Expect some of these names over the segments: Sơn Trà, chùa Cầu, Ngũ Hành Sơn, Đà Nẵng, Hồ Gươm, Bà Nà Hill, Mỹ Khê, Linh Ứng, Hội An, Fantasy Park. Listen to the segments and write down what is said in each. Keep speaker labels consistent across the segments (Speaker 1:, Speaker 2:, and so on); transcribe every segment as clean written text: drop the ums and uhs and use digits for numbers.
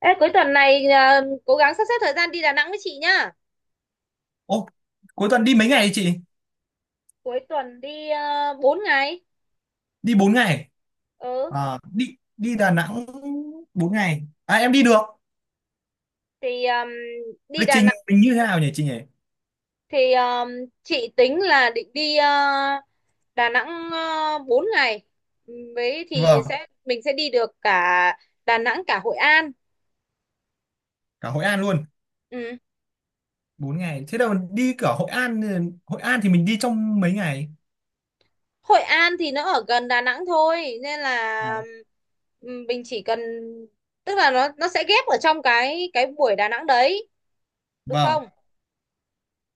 Speaker 1: Ê, cuối tuần này à, cố gắng sắp xếp thời gian đi Đà Nẵng với chị nhá.
Speaker 2: Ô, cuối tuần đi mấy ngày chị?
Speaker 1: Cuối tuần đi 4 ngày.
Speaker 2: Đi 4 ngày.
Speaker 1: Ừ,
Speaker 2: À, đi đi Đà Nẵng 4 ngày. À em đi được.
Speaker 1: thì đi
Speaker 2: Lịch
Speaker 1: Đà
Speaker 2: trình
Speaker 1: Nẵng
Speaker 2: mình như thế nào nhỉ chị nhỉ?
Speaker 1: thì chị tính là định đi à, Đà Nẵng 4 ngày. Ừ, với thì
Speaker 2: Vâng,
Speaker 1: mình sẽ đi được cả Đà Nẵng cả Hội An.
Speaker 2: cả Hội An luôn.
Speaker 1: Ừ.
Speaker 2: 4 ngày. Thế đâu đi cả Hội An. Hội An thì mình đi trong mấy ngày?
Speaker 1: Hội An thì nó ở gần Đà Nẵng thôi nên
Speaker 2: À,
Speaker 1: là mình chỉ cần, tức là nó sẽ ghép ở trong cái buổi Đà Nẵng đấy, được
Speaker 2: vâng,
Speaker 1: không?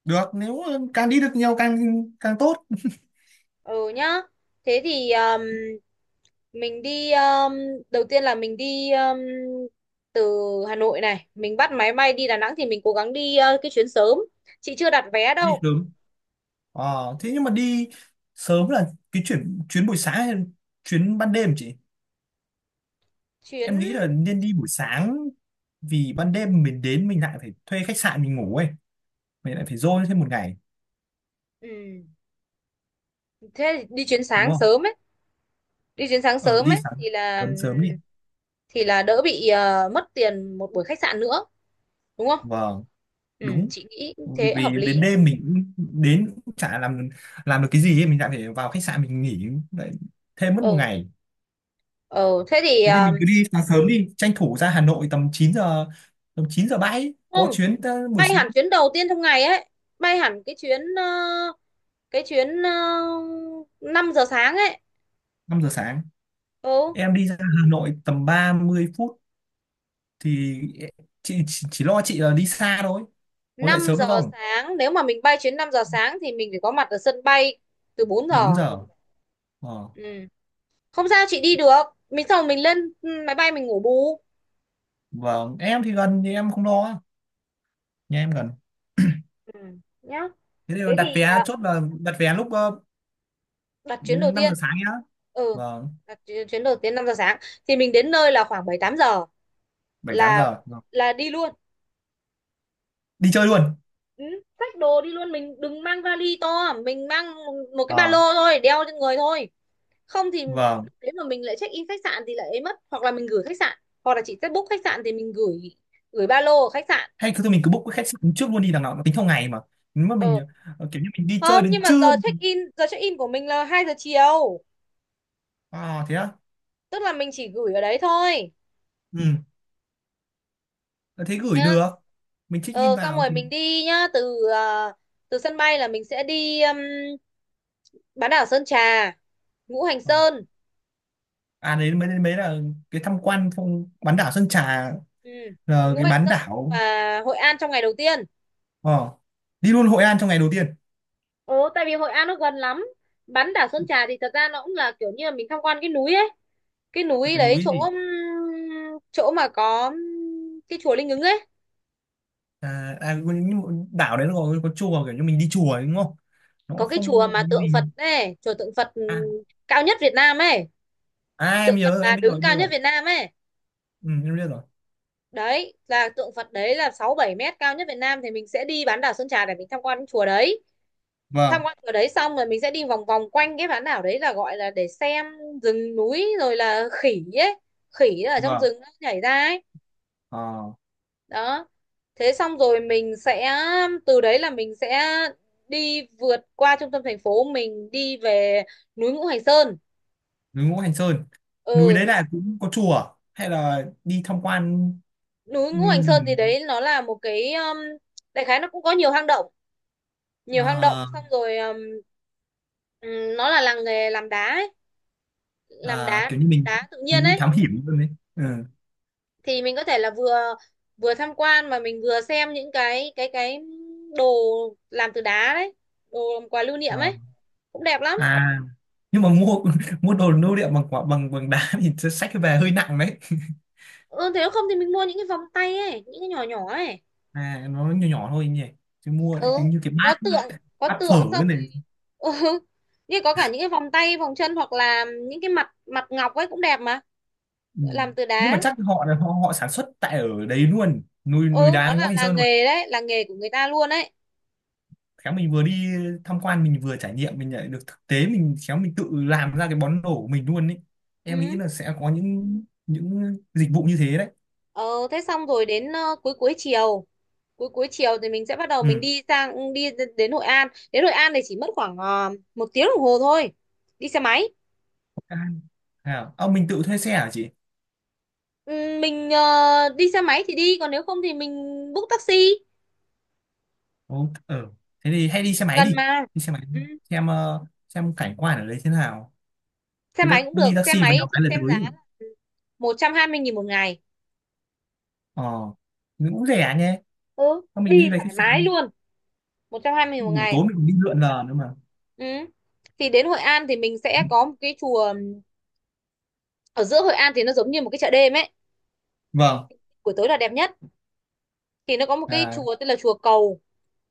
Speaker 2: được, nếu càng đi được nhiều càng càng tốt.
Speaker 1: Ừ nhá. Thế thì mình đi đầu tiên là mình đi từ Hà Nội này, mình bắt máy bay đi Đà Nẵng thì mình cố gắng đi cái chuyến sớm. Chị chưa đặt vé
Speaker 2: Đi
Speaker 1: đâu.
Speaker 2: sớm. Ờ, thế nhưng mà đi sớm là cái chuyến chuyến buổi sáng hay chuyến ban đêm chị?
Speaker 1: Chuyến
Speaker 2: Em nghĩ là nên đi buổi sáng vì ban đêm mình đến mình lại phải thuê khách sạn mình ngủ ấy, mày lại phải dôi thêm một ngày,
Speaker 1: ừ, Thế thì đi chuyến
Speaker 2: đúng
Speaker 1: sáng
Speaker 2: không?
Speaker 1: sớm ấy, đi chuyến sáng
Speaker 2: Ờ,
Speaker 1: sớm
Speaker 2: đi
Speaker 1: ấy
Speaker 2: sáng
Speaker 1: thì là
Speaker 2: sớm, sớm đi.
Speaker 1: đỡ bị mất tiền một buổi khách sạn nữa, đúng không?
Speaker 2: Vâng,
Speaker 1: Ừ,
Speaker 2: đúng,
Speaker 1: chị nghĩ thế hợp
Speaker 2: vì đến
Speaker 1: lý.
Speaker 2: đêm mình đến cũng chả làm được cái gì ấy. Mình lại phải vào khách sạn mình nghỉ lại thêm mất một
Speaker 1: Ừ,
Speaker 2: ngày.
Speaker 1: ừ, thế thì
Speaker 2: Thế thì mình cứ đi sáng sớm đi, tranh thủ ra Hà Nội tầm 9 giờ, tầm 9 giờ bãi
Speaker 1: không,
Speaker 2: có chuyến tới buổi
Speaker 1: bay hẳn
Speaker 2: sáng.
Speaker 1: chuyến đầu tiên trong ngày ấy, bay hẳn cái chuyến 5 giờ sáng ấy.
Speaker 2: 5 giờ sáng
Speaker 1: ừ
Speaker 2: em đi ra Hà Nội tầm 30 phút thì chị chỉ lo chị là đi xa thôi, có dậy
Speaker 1: năm
Speaker 2: sớm được
Speaker 1: giờ
Speaker 2: không?
Speaker 1: sáng nếu mà mình bay chuyến 5 giờ sáng thì mình phải có mặt ở sân bay từ bốn
Speaker 2: bốn
Speaker 1: giờ
Speaker 2: giờ Ờ.
Speaker 1: Ừ, không sao, chị đi được. Mình xong rồi mình lên máy bay mình ngủ bù.
Speaker 2: Vâng, em thì gần thì em không lo, nhà em gần.
Speaker 1: Ừ. Nhá,
Speaker 2: Thế thì
Speaker 1: thế
Speaker 2: đặt
Speaker 1: thì
Speaker 2: vé chốt là đặt vé lúc
Speaker 1: đặt chuyến đầu
Speaker 2: 5 giờ
Speaker 1: tiên.
Speaker 2: sáng nhá.
Speaker 1: ừ
Speaker 2: Vâng,
Speaker 1: Đặt chuyến chuyến đầu tiên 5 giờ sáng thì mình đến nơi là khoảng 7 8 giờ
Speaker 2: 7 8
Speaker 1: là
Speaker 2: giờ. Vâng.
Speaker 1: là đi luôn.
Speaker 2: Đi chơi luôn.
Speaker 1: Ừ, xách đồ đi luôn, mình đừng mang vali to, mình mang một cái ba lô
Speaker 2: Ờ,
Speaker 1: thôi, đeo trên người thôi, không thì
Speaker 2: vâng.
Speaker 1: lúc đấy mà mình lại check in khách sạn thì lại ấy mất, hoặc là mình gửi khách sạn, hoặc là chị sẽ book khách sạn thì mình gửi gửi ba lô ở khách sạn.
Speaker 2: Hay cứ thôi mình cứ book cái khách sạn trước luôn đi, đằng nào nó tính theo ngày mà. Nếu mà
Speaker 1: ờ
Speaker 2: mình ờ, kiểu như mình đi chơi
Speaker 1: Không,
Speaker 2: đến
Speaker 1: nhưng mà
Speaker 2: trưa.
Speaker 1: giờ check in của mình là 2 giờ chiều,
Speaker 2: À thế á.
Speaker 1: tức là mình chỉ gửi ở đấy thôi,
Speaker 2: Ừ. Ờ, thế gửi
Speaker 1: nhá.
Speaker 2: được. Mình check in
Speaker 1: Xong
Speaker 2: vào
Speaker 1: rồi
Speaker 2: thì
Speaker 1: mình đi nhá, từ từ sân bay là mình sẽ đi bán đảo Sơn Trà, Ngũ Hành
Speaker 2: Ờ.
Speaker 1: Sơn.
Speaker 2: À đấy mới mới là cái tham quan phong bán đảo Sơn Trà,
Speaker 1: Ừ.
Speaker 2: là
Speaker 1: Ngũ
Speaker 2: cái
Speaker 1: Hành
Speaker 2: bán
Speaker 1: Sơn
Speaker 2: đảo.
Speaker 1: và Hội An trong ngày đầu tiên.
Speaker 2: Ờ. Đi luôn Hội An trong ngày đầu tiên.
Speaker 1: Ồ, tại vì Hội An nó gần lắm. Bán đảo Sơn Trà thì thật ra nó cũng là kiểu như là mình tham quan cái núi ấy, cái núi
Speaker 2: Cái
Speaker 1: đấy,
Speaker 2: núi gì?
Speaker 1: chỗ chỗ mà có cái chùa Linh Ứng ấy,
Speaker 2: À, à, nhưng mà đảo đấy nó có chùa, kiểu như mình đi chùa ấy, đúng không? Nó
Speaker 1: có
Speaker 2: cũng
Speaker 1: cái chùa
Speaker 2: không có
Speaker 1: mà tượng
Speaker 2: gì.
Speaker 1: Phật ấy, chùa tượng Phật
Speaker 2: À,
Speaker 1: cao nhất Việt Nam ấy,
Speaker 2: à em
Speaker 1: tượng Phật
Speaker 2: nhớ rồi, em
Speaker 1: là
Speaker 2: biết rồi
Speaker 1: đứng
Speaker 2: em biết
Speaker 1: cao
Speaker 2: rồi.
Speaker 1: nhất Việt Nam ấy.
Speaker 2: Ừ, em biết rồi.
Speaker 1: Đấy là tượng Phật đấy là 6 7 mét, cao nhất Việt Nam, thì mình sẽ đi bán đảo Sơn Trà để mình tham quan cái chùa đấy, tham
Speaker 2: Vâng.
Speaker 1: quan ở đấy xong rồi mình sẽ đi vòng vòng quanh cái bán đảo đấy là gọi là để xem rừng núi rồi là khỉ ấy, khỉ ở trong
Speaker 2: Vâng.
Speaker 1: rừng nó nhảy ra ấy,
Speaker 2: Ờ,
Speaker 1: đó. Thế xong rồi mình sẽ, từ đấy là mình sẽ đi vượt qua trung tâm thành phố, mình đi về núi Ngũ Hành Sơn.
Speaker 2: núi Ngũ Hành Sơn. Núi
Speaker 1: ừ
Speaker 2: đấy
Speaker 1: núi,
Speaker 2: là cũng có chùa hay là đi tham quan?
Speaker 1: núi
Speaker 2: Ừ,
Speaker 1: Ngũ Hành Sơn thì
Speaker 2: rừng.
Speaker 1: đấy nó là một cái, đại khái nó cũng có nhiều hang động, nhiều hang động,
Speaker 2: Ờ.
Speaker 1: xong rồi nó là làng nghề làm đá ấy, làm
Speaker 2: À,
Speaker 1: đá,
Speaker 2: kiểu như
Speaker 1: đá tự nhiên
Speaker 2: mình đi
Speaker 1: ấy.
Speaker 2: thám hiểm luôn đấy. Ừ.
Speaker 1: Thì mình có thể là vừa vừa tham quan mà mình vừa xem những cái đồ làm từ đá đấy, đồ làm quà lưu niệm
Speaker 2: Ờ.
Speaker 1: ấy, cũng đẹp lắm.
Speaker 2: À nhưng mà mua mua đồ lưu niệm bằng quả bằng bằng đá thì sẽ xách về hơi nặng đấy.
Speaker 1: Ừ, thế nếu không thì mình mua những cái vòng tay ấy, những cái nhỏ nhỏ ấy.
Speaker 2: À nó nhỏ nhỏ thôi nhỉ, chứ mua lại
Speaker 1: Ừ,
Speaker 2: tính như cái
Speaker 1: có
Speaker 2: bát,
Speaker 1: tượng, có
Speaker 2: bát phở
Speaker 1: tượng xong
Speaker 2: này.
Speaker 1: rồi. Ừ, như có cả những cái vòng tay, vòng chân hoặc là những cái mặt mặt ngọc ấy, cũng đẹp mà,
Speaker 2: Ừ.
Speaker 1: làm từ
Speaker 2: Nhưng mà
Speaker 1: đá.
Speaker 2: chắc họ họ họ sản xuất tại ở đấy luôn, núi núi
Speaker 1: Ừ, nó
Speaker 2: đá Ngũ
Speaker 1: là
Speaker 2: Hành
Speaker 1: là
Speaker 2: Sơn luôn.
Speaker 1: nghề đấy, là nghề của người ta luôn ấy.
Speaker 2: Khéo mình vừa đi tham quan mình vừa trải nghiệm, mình lại được thực tế, mình khéo mình tự làm ra cái món đồ của mình luôn ấy. Em nghĩ
Speaker 1: Ừ.
Speaker 2: là sẽ có những dịch vụ như thế đấy.
Speaker 1: Ờ, thế xong rồi đến cuối cuối chiều, thì mình sẽ bắt đầu
Speaker 2: Ừ.
Speaker 1: mình đi đến Hội An. Đến Hội An thì chỉ mất khoảng 1 tiếng đồng hồ thôi, đi xe máy.
Speaker 2: À, ờ, mình tự thuê xe hả chị?
Speaker 1: Ừ, mình đi xe máy thì đi, còn nếu không thì mình book taxi,
Speaker 2: Ồ, ờ, thế thì hay đi xe máy
Speaker 1: gần
Speaker 2: đi,
Speaker 1: mà.
Speaker 2: đi xe máy
Speaker 1: ừ,
Speaker 2: xem xem cảnh quan ở đấy thế nào.
Speaker 1: Xe
Speaker 2: Từ đó
Speaker 1: máy cũng
Speaker 2: đi
Speaker 1: được, xe
Speaker 2: taxi vào
Speaker 1: máy
Speaker 2: nhiều
Speaker 1: chị
Speaker 2: cái là
Speaker 1: xem giá
Speaker 2: tới.
Speaker 1: là 120.000 một ngày.
Speaker 2: Ờ, nó cũng rẻ nhé.
Speaker 1: Ừ,
Speaker 2: Thôi mình
Speaker 1: đi
Speaker 2: đi về
Speaker 1: thoải
Speaker 2: khách
Speaker 1: mái
Speaker 2: sạn,
Speaker 1: luôn, 120.000 một
Speaker 2: buổi tối
Speaker 1: ngày.
Speaker 2: mình cũng đi lượn lờ nữa mà.
Speaker 1: Ừ. Thì đến Hội An thì mình sẽ có một cái chùa ở giữa Hội An, thì nó giống như một cái chợ đêm ấy,
Speaker 2: Vâng.
Speaker 1: buổi tối là đẹp nhất. Thì nó có một cái
Speaker 2: À,
Speaker 1: chùa tên là chùa Cầu,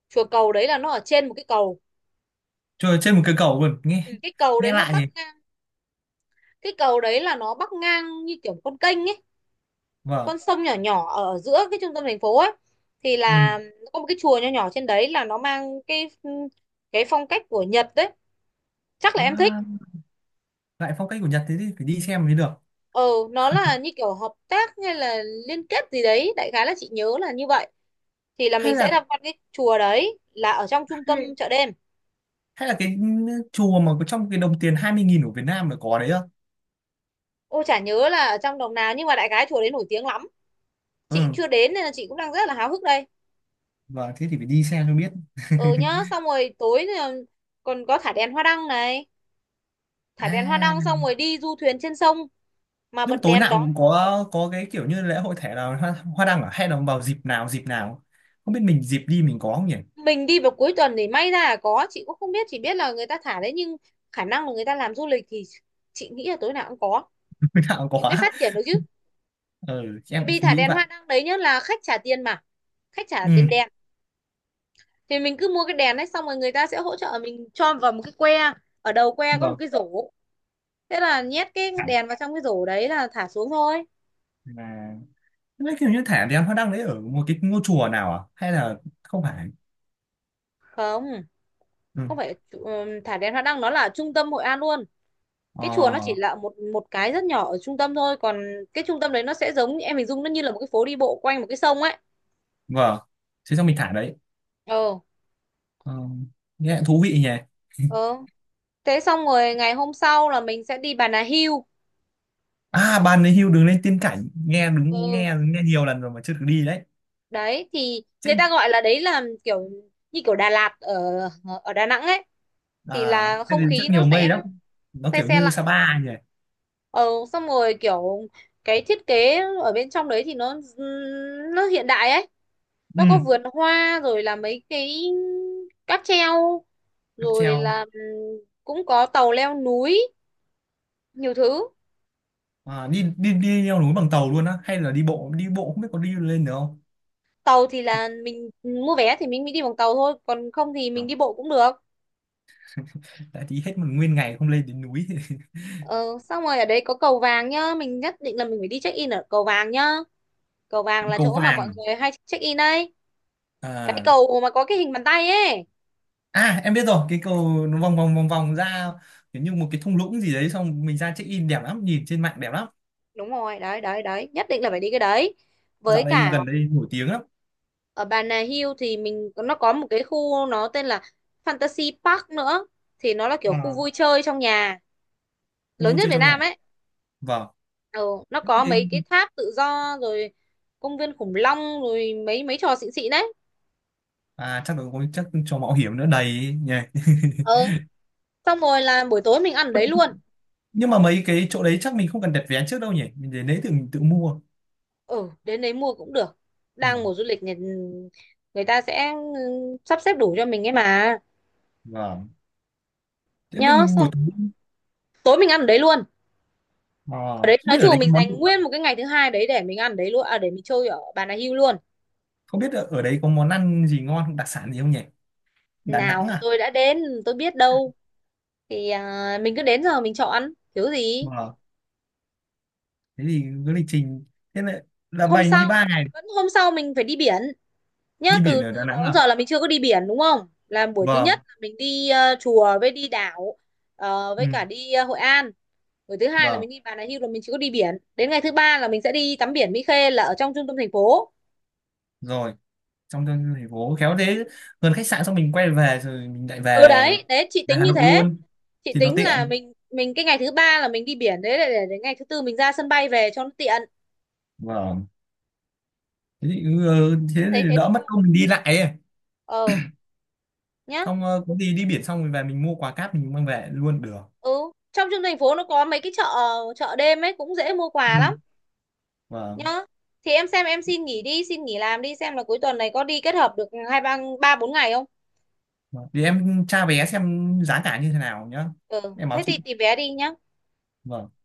Speaker 1: chùa Cầu đấy là nó ở trên một cái cầu.
Speaker 2: chơi trên một cây cầu luôn nghe,
Speaker 1: Ừ,
Speaker 2: nghe lạ nhỉ.
Speaker 1: cái cầu đấy là nó bắc ngang như kiểu con kênh ấy,
Speaker 2: Vâng.
Speaker 1: con sông nhỏ nhỏ ở giữa cái trung tâm thành phố ấy. Thì
Speaker 2: Ừ.
Speaker 1: là nó có một cái chùa nhỏ nhỏ trên đấy, là nó mang cái phong cách của Nhật đấy, chắc là em thích.
Speaker 2: À, lại phong cách của Nhật, thế thì phải đi xem mới được.
Speaker 1: Ờ, nó là như kiểu hợp tác hay là liên kết gì đấy, đại khái là chị nhớ là như vậy. Thì là
Speaker 2: Hay
Speaker 1: mình sẽ
Speaker 2: là,
Speaker 1: tham quan cái chùa đấy, là ở trong trung tâm
Speaker 2: hay,
Speaker 1: chợ đêm.
Speaker 2: hay là cái ừ, chùa mà có trong cái đồng tiền 20.000 của Việt Nam mà có đấy không?
Speaker 1: Ôi, chả nhớ là ở trong đồng nào, nhưng mà đại khái chùa đấy nổi tiếng lắm, chị
Speaker 2: Ừ.
Speaker 1: chưa đến nên là chị cũng đang rất là háo hức đây.
Speaker 2: Vâng, thế thì phải đi xem cho biết.
Speaker 1: Ừ nhá, xong rồi tối thì còn có thả đèn hoa đăng này, thả đèn hoa
Speaker 2: À
Speaker 1: đăng xong rồi đi du thuyền trên sông mà
Speaker 2: nhưng mà
Speaker 1: bật
Speaker 2: tối
Speaker 1: đèn
Speaker 2: nào
Speaker 1: đó.
Speaker 2: cũng có cái kiểu như lễ hội thẻ nào hoa, đăng à, hay là vào dịp nào dịp nào, không biết mình dịp đi mình có không nhỉ?
Speaker 1: Mình đi vào cuối tuần thì may ra là có, chị cũng không biết, chỉ biết là người ta thả đấy, nhưng khả năng là người ta làm du lịch thì chị nghĩ là tối nào cũng có
Speaker 2: Mình nào cũng
Speaker 1: thì
Speaker 2: có.
Speaker 1: mới phát triển được chứ.
Speaker 2: Ừ
Speaker 1: Tại
Speaker 2: em
Speaker 1: vì thả
Speaker 2: nghĩ
Speaker 1: đèn
Speaker 2: vậy.
Speaker 1: hoa đăng đấy nhá, là khách trả tiền mà, khách trả tiền
Speaker 2: Ừ.
Speaker 1: đèn thì mình cứ mua cái đèn đấy, xong rồi người ta sẽ hỗ trợ mình cho vào một cái que, ở đầu que có một
Speaker 2: Vâng.
Speaker 1: cái rổ, thế là nhét cái đèn vào trong cái rổ đấy là thả xuống thôi.
Speaker 2: À, thế kiểu như thả đèn hoa đăng đấy ở một cái ngôi chùa nào à? Hay là không phải?
Speaker 1: Không.
Speaker 2: Ừ.
Speaker 1: Thả đèn hoa đăng nó là trung tâm Hội An luôn, cái chùa nó chỉ
Speaker 2: Ờ,
Speaker 1: là một một cái rất nhỏ ở trung tâm thôi, còn cái trung tâm đấy nó sẽ giống, em hình dung nó như là một cái phố đi bộ quanh một cái sông ấy.
Speaker 2: vâng. Thế xong mình thả đấy.
Speaker 1: Ờ,
Speaker 2: Ờ, nghe thú vị nhỉ.
Speaker 1: ờ, thế xong rồi ngày hôm sau là mình sẽ đi Bà Nà Hill.
Speaker 2: À, bàn đấy hưu đường lên tiên cảnh. Nghe đúng,
Speaker 1: Ừ,
Speaker 2: nghe nghe nhiều lần rồi mà chưa được đi đấy.
Speaker 1: đấy thì người ta
Speaker 2: Trên
Speaker 1: gọi là đấy là kiểu như kiểu Đà Lạt ở ở Đà Nẵng ấy, thì
Speaker 2: à,
Speaker 1: là
Speaker 2: trên
Speaker 1: không
Speaker 2: đấy rất
Speaker 1: khí nó
Speaker 2: nhiều mây
Speaker 1: sẽ
Speaker 2: lắm. Nó
Speaker 1: se
Speaker 2: kiểu
Speaker 1: se
Speaker 2: như
Speaker 1: lạnh.
Speaker 2: Sapa nhỉ.
Speaker 1: ờ Xong rồi kiểu cái thiết kế ở bên trong đấy thì nó hiện đại ấy,
Speaker 2: Ừ,
Speaker 1: nó có vườn hoa rồi là mấy cái cáp treo,
Speaker 2: cáp
Speaker 1: rồi là
Speaker 2: treo.
Speaker 1: cũng có tàu leo núi, nhiều thứ.
Speaker 2: À, đi đi đi leo núi bằng tàu luôn á, hay là đi bộ không biết có đi lên được không?
Speaker 1: Tàu thì là mình mua vé thì mình mới đi bằng tàu thôi, còn không thì
Speaker 2: Ờ,
Speaker 1: mình đi bộ cũng được.
Speaker 2: đã tí hết một nguyên ngày không lên đến núi.
Speaker 1: Ờ, Xong rồi ở đấy có cầu vàng nhá, mình nhất định là mình phải đi check in ở cầu vàng nhá, cầu vàng là
Speaker 2: Cầu
Speaker 1: chỗ mà mọi
Speaker 2: vàng.
Speaker 1: người hay check in đấy, cái
Speaker 2: À.
Speaker 1: cầu mà có cái hình bàn tay ấy.
Speaker 2: À em biết rồi, cái cầu nó vòng vòng vòng vòng ra kiểu như một cái thung lũng gì đấy, xong mình ra check in, đẹp lắm, nhìn trên mạng đẹp lắm.
Speaker 1: Đúng rồi, đấy đấy đấy, nhất định là phải đi cái đấy. Với
Speaker 2: Dạo này
Speaker 1: cả
Speaker 2: gần đây nổi tiếng lắm.
Speaker 1: ở Bà Nà Hills thì mình, nó có một cái khu nó tên là Fantasy Park nữa, thì nó là kiểu khu
Speaker 2: À,
Speaker 1: vui chơi trong nhà
Speaker 2: khu
Speaker 1: lớn
Speaker 2: vui
Speaker 1: nhất
Speaker 2: chơi
Speaker 1: Việt
Speaker 2: trong nhà.
Speaker 1: Nam ấy.
Speaker 2: Vâng.
Speaker 1: Ừ, nó có mấy cái tháp tự do rồi công viên khủng long, rồi mấy mấy trò xịn xịn đấy.
Speaker 2: À chắc là có chắc cho mạo hiểm nữa đầy ấy nhỉ.
Speaker 1: Ừ. Xong rồi là buổi tối mình ăn ở đấy luôn.
Speaker 2: Nhưng mà mấy cái chỗ đấy chắc mình không cần đặt vé trước đâu nhỉ, mình đến đấy tự mình tự mua.
Speaker 1: Ừ, đến đấy mua cũng được,
Speaker 2: Ừ.
Speaker 1: đang mùa du lịch, người ta sẽ sắp xếp đủ cho mình ấy mà.
Speaker 2: Vâng. Thế
Speaker 1: Nhớ,
Speaker 2: mình buổi
Speaker 1: xong
Speaker 2: tối,
Speaker 1: tối mình ăn ở đấy luôn,
Speaker 2: à,
Speaker 1: ở đấy
Speaker 2: không
Speaker 1: nói
Speaker 2: biết ở đấy
Speaker 1: chung
Speaker 2: có
Speaker 1: mình
Speaker 2: món,
Speaker 1: dành nguyên một cái ngày thứ hai đấy để mình ăn đấy luôn, à, để mình chơi ở Bà Nà Hills luôn.
Speaker 2: không biết ở ở đấy có món ăn gì ngon không, đặc sản gì không nhỉ? Đà Nẵng
Speaker 1: Nào
Speaker 2: à.
Speaker 1: tôi đã đến tôi biết đâu, thì mình cứ đến giờ mình chọn, thiếu gì.
Speaker 2: Vâng, thế thì cái lịch trình, thế là
Speaker 1: hôm
Speaker 2: bành đi
Speaker 1: sau
Speaker 2: 3 ngày.
Speaker 1: Hôm sau mình phải đi biển nhá,
Speaker 2: Đi biển
Speaker 1: từ
Speaker 2: ở Đà
Speaker 1: từ đó
Speaker 2: Nẵng
Speaker 1: đến
Speaker 2: à.
Speaker 1: giờ là mình chưa có đi biển, đúng không, là buổi thứ nhất
Speaker 2: Vâng.
Speaker 1: là mình đi chùa với đi đảo,
Speaker 2: Ừ,
Speaker 1: với cả đi Hội An, buổi thứ hai là
Speaker 2: vâng.
Speaker 1: mình đi Bà Nà Hills, là mình chỉ có đi biển đến ngày thứ ba là mình sẽ đi tắm biển Mỹ Khê là ở trong trung tâm thành phố.
Speaker 2: Rồi, trong tương thành phố khéo thế, gần khách sạn xong mình quay về rồi mình lại về,
Speaker 1: Ừ, đấy đấy, chị
Speaker 2: về
Speaker 1: tính
Speaker 2: Hà
Speaker 1: như
Speaker 2: Nội
Speaker 1: thế.
Speaker 2: luôn.
Speaker 1: Chị
Speaker 2: Thì nó
Speaker 1: tính là
Speaker 2: tiện.
Speaker 1: mình cái ngày thứ ba là mình đi biển đấy để, đến ngày thứ tư mình ra sân bay về cho nó tiện.
Speaker 2: Vâng, thế thì, ừ, ừ,
Speaker 1: Chị
Speaker 2: thế
Speaker 1: em thấy
Speaker 2: thì
Speaker 1: thế
Speaker 2: đỡ
Speaker 1: được
Speaker 2: mất
Speaker 1: không.
Speaker 2: công mình đi lại ấy.
Speaker 1: Ờ nhá.
Speaker 2: Xong ờ, có gì đi biển xong rồi về mình mua quà cáp mình mang về luôn được.
Speaker 1: Ừ, trong trung thành phố nó có mấy cái chợ, chợ đêm ấy cũng dễ mua
Speaker 2: Ừ.
Speaker 1: quà lắm.
Speaker 2: Vâng.
Speaker 1: Nhá, thì em xem, em xin nghỉ đi, xin nghỉ làm đi, xem là cuối tuần này có đi kết hợp được 2-3, 3-4 ngày không.
Speaker 2: Vâng. Thì em tra vé xem giá cả như thế nào nhá,
Speaker 1: Ừ,
Speaker 2: em báo
Speaker 1: thế thì
Speaker 2: chị.
Speaker 1: tìm vé đi nhá.
Speaker 2: Vâng.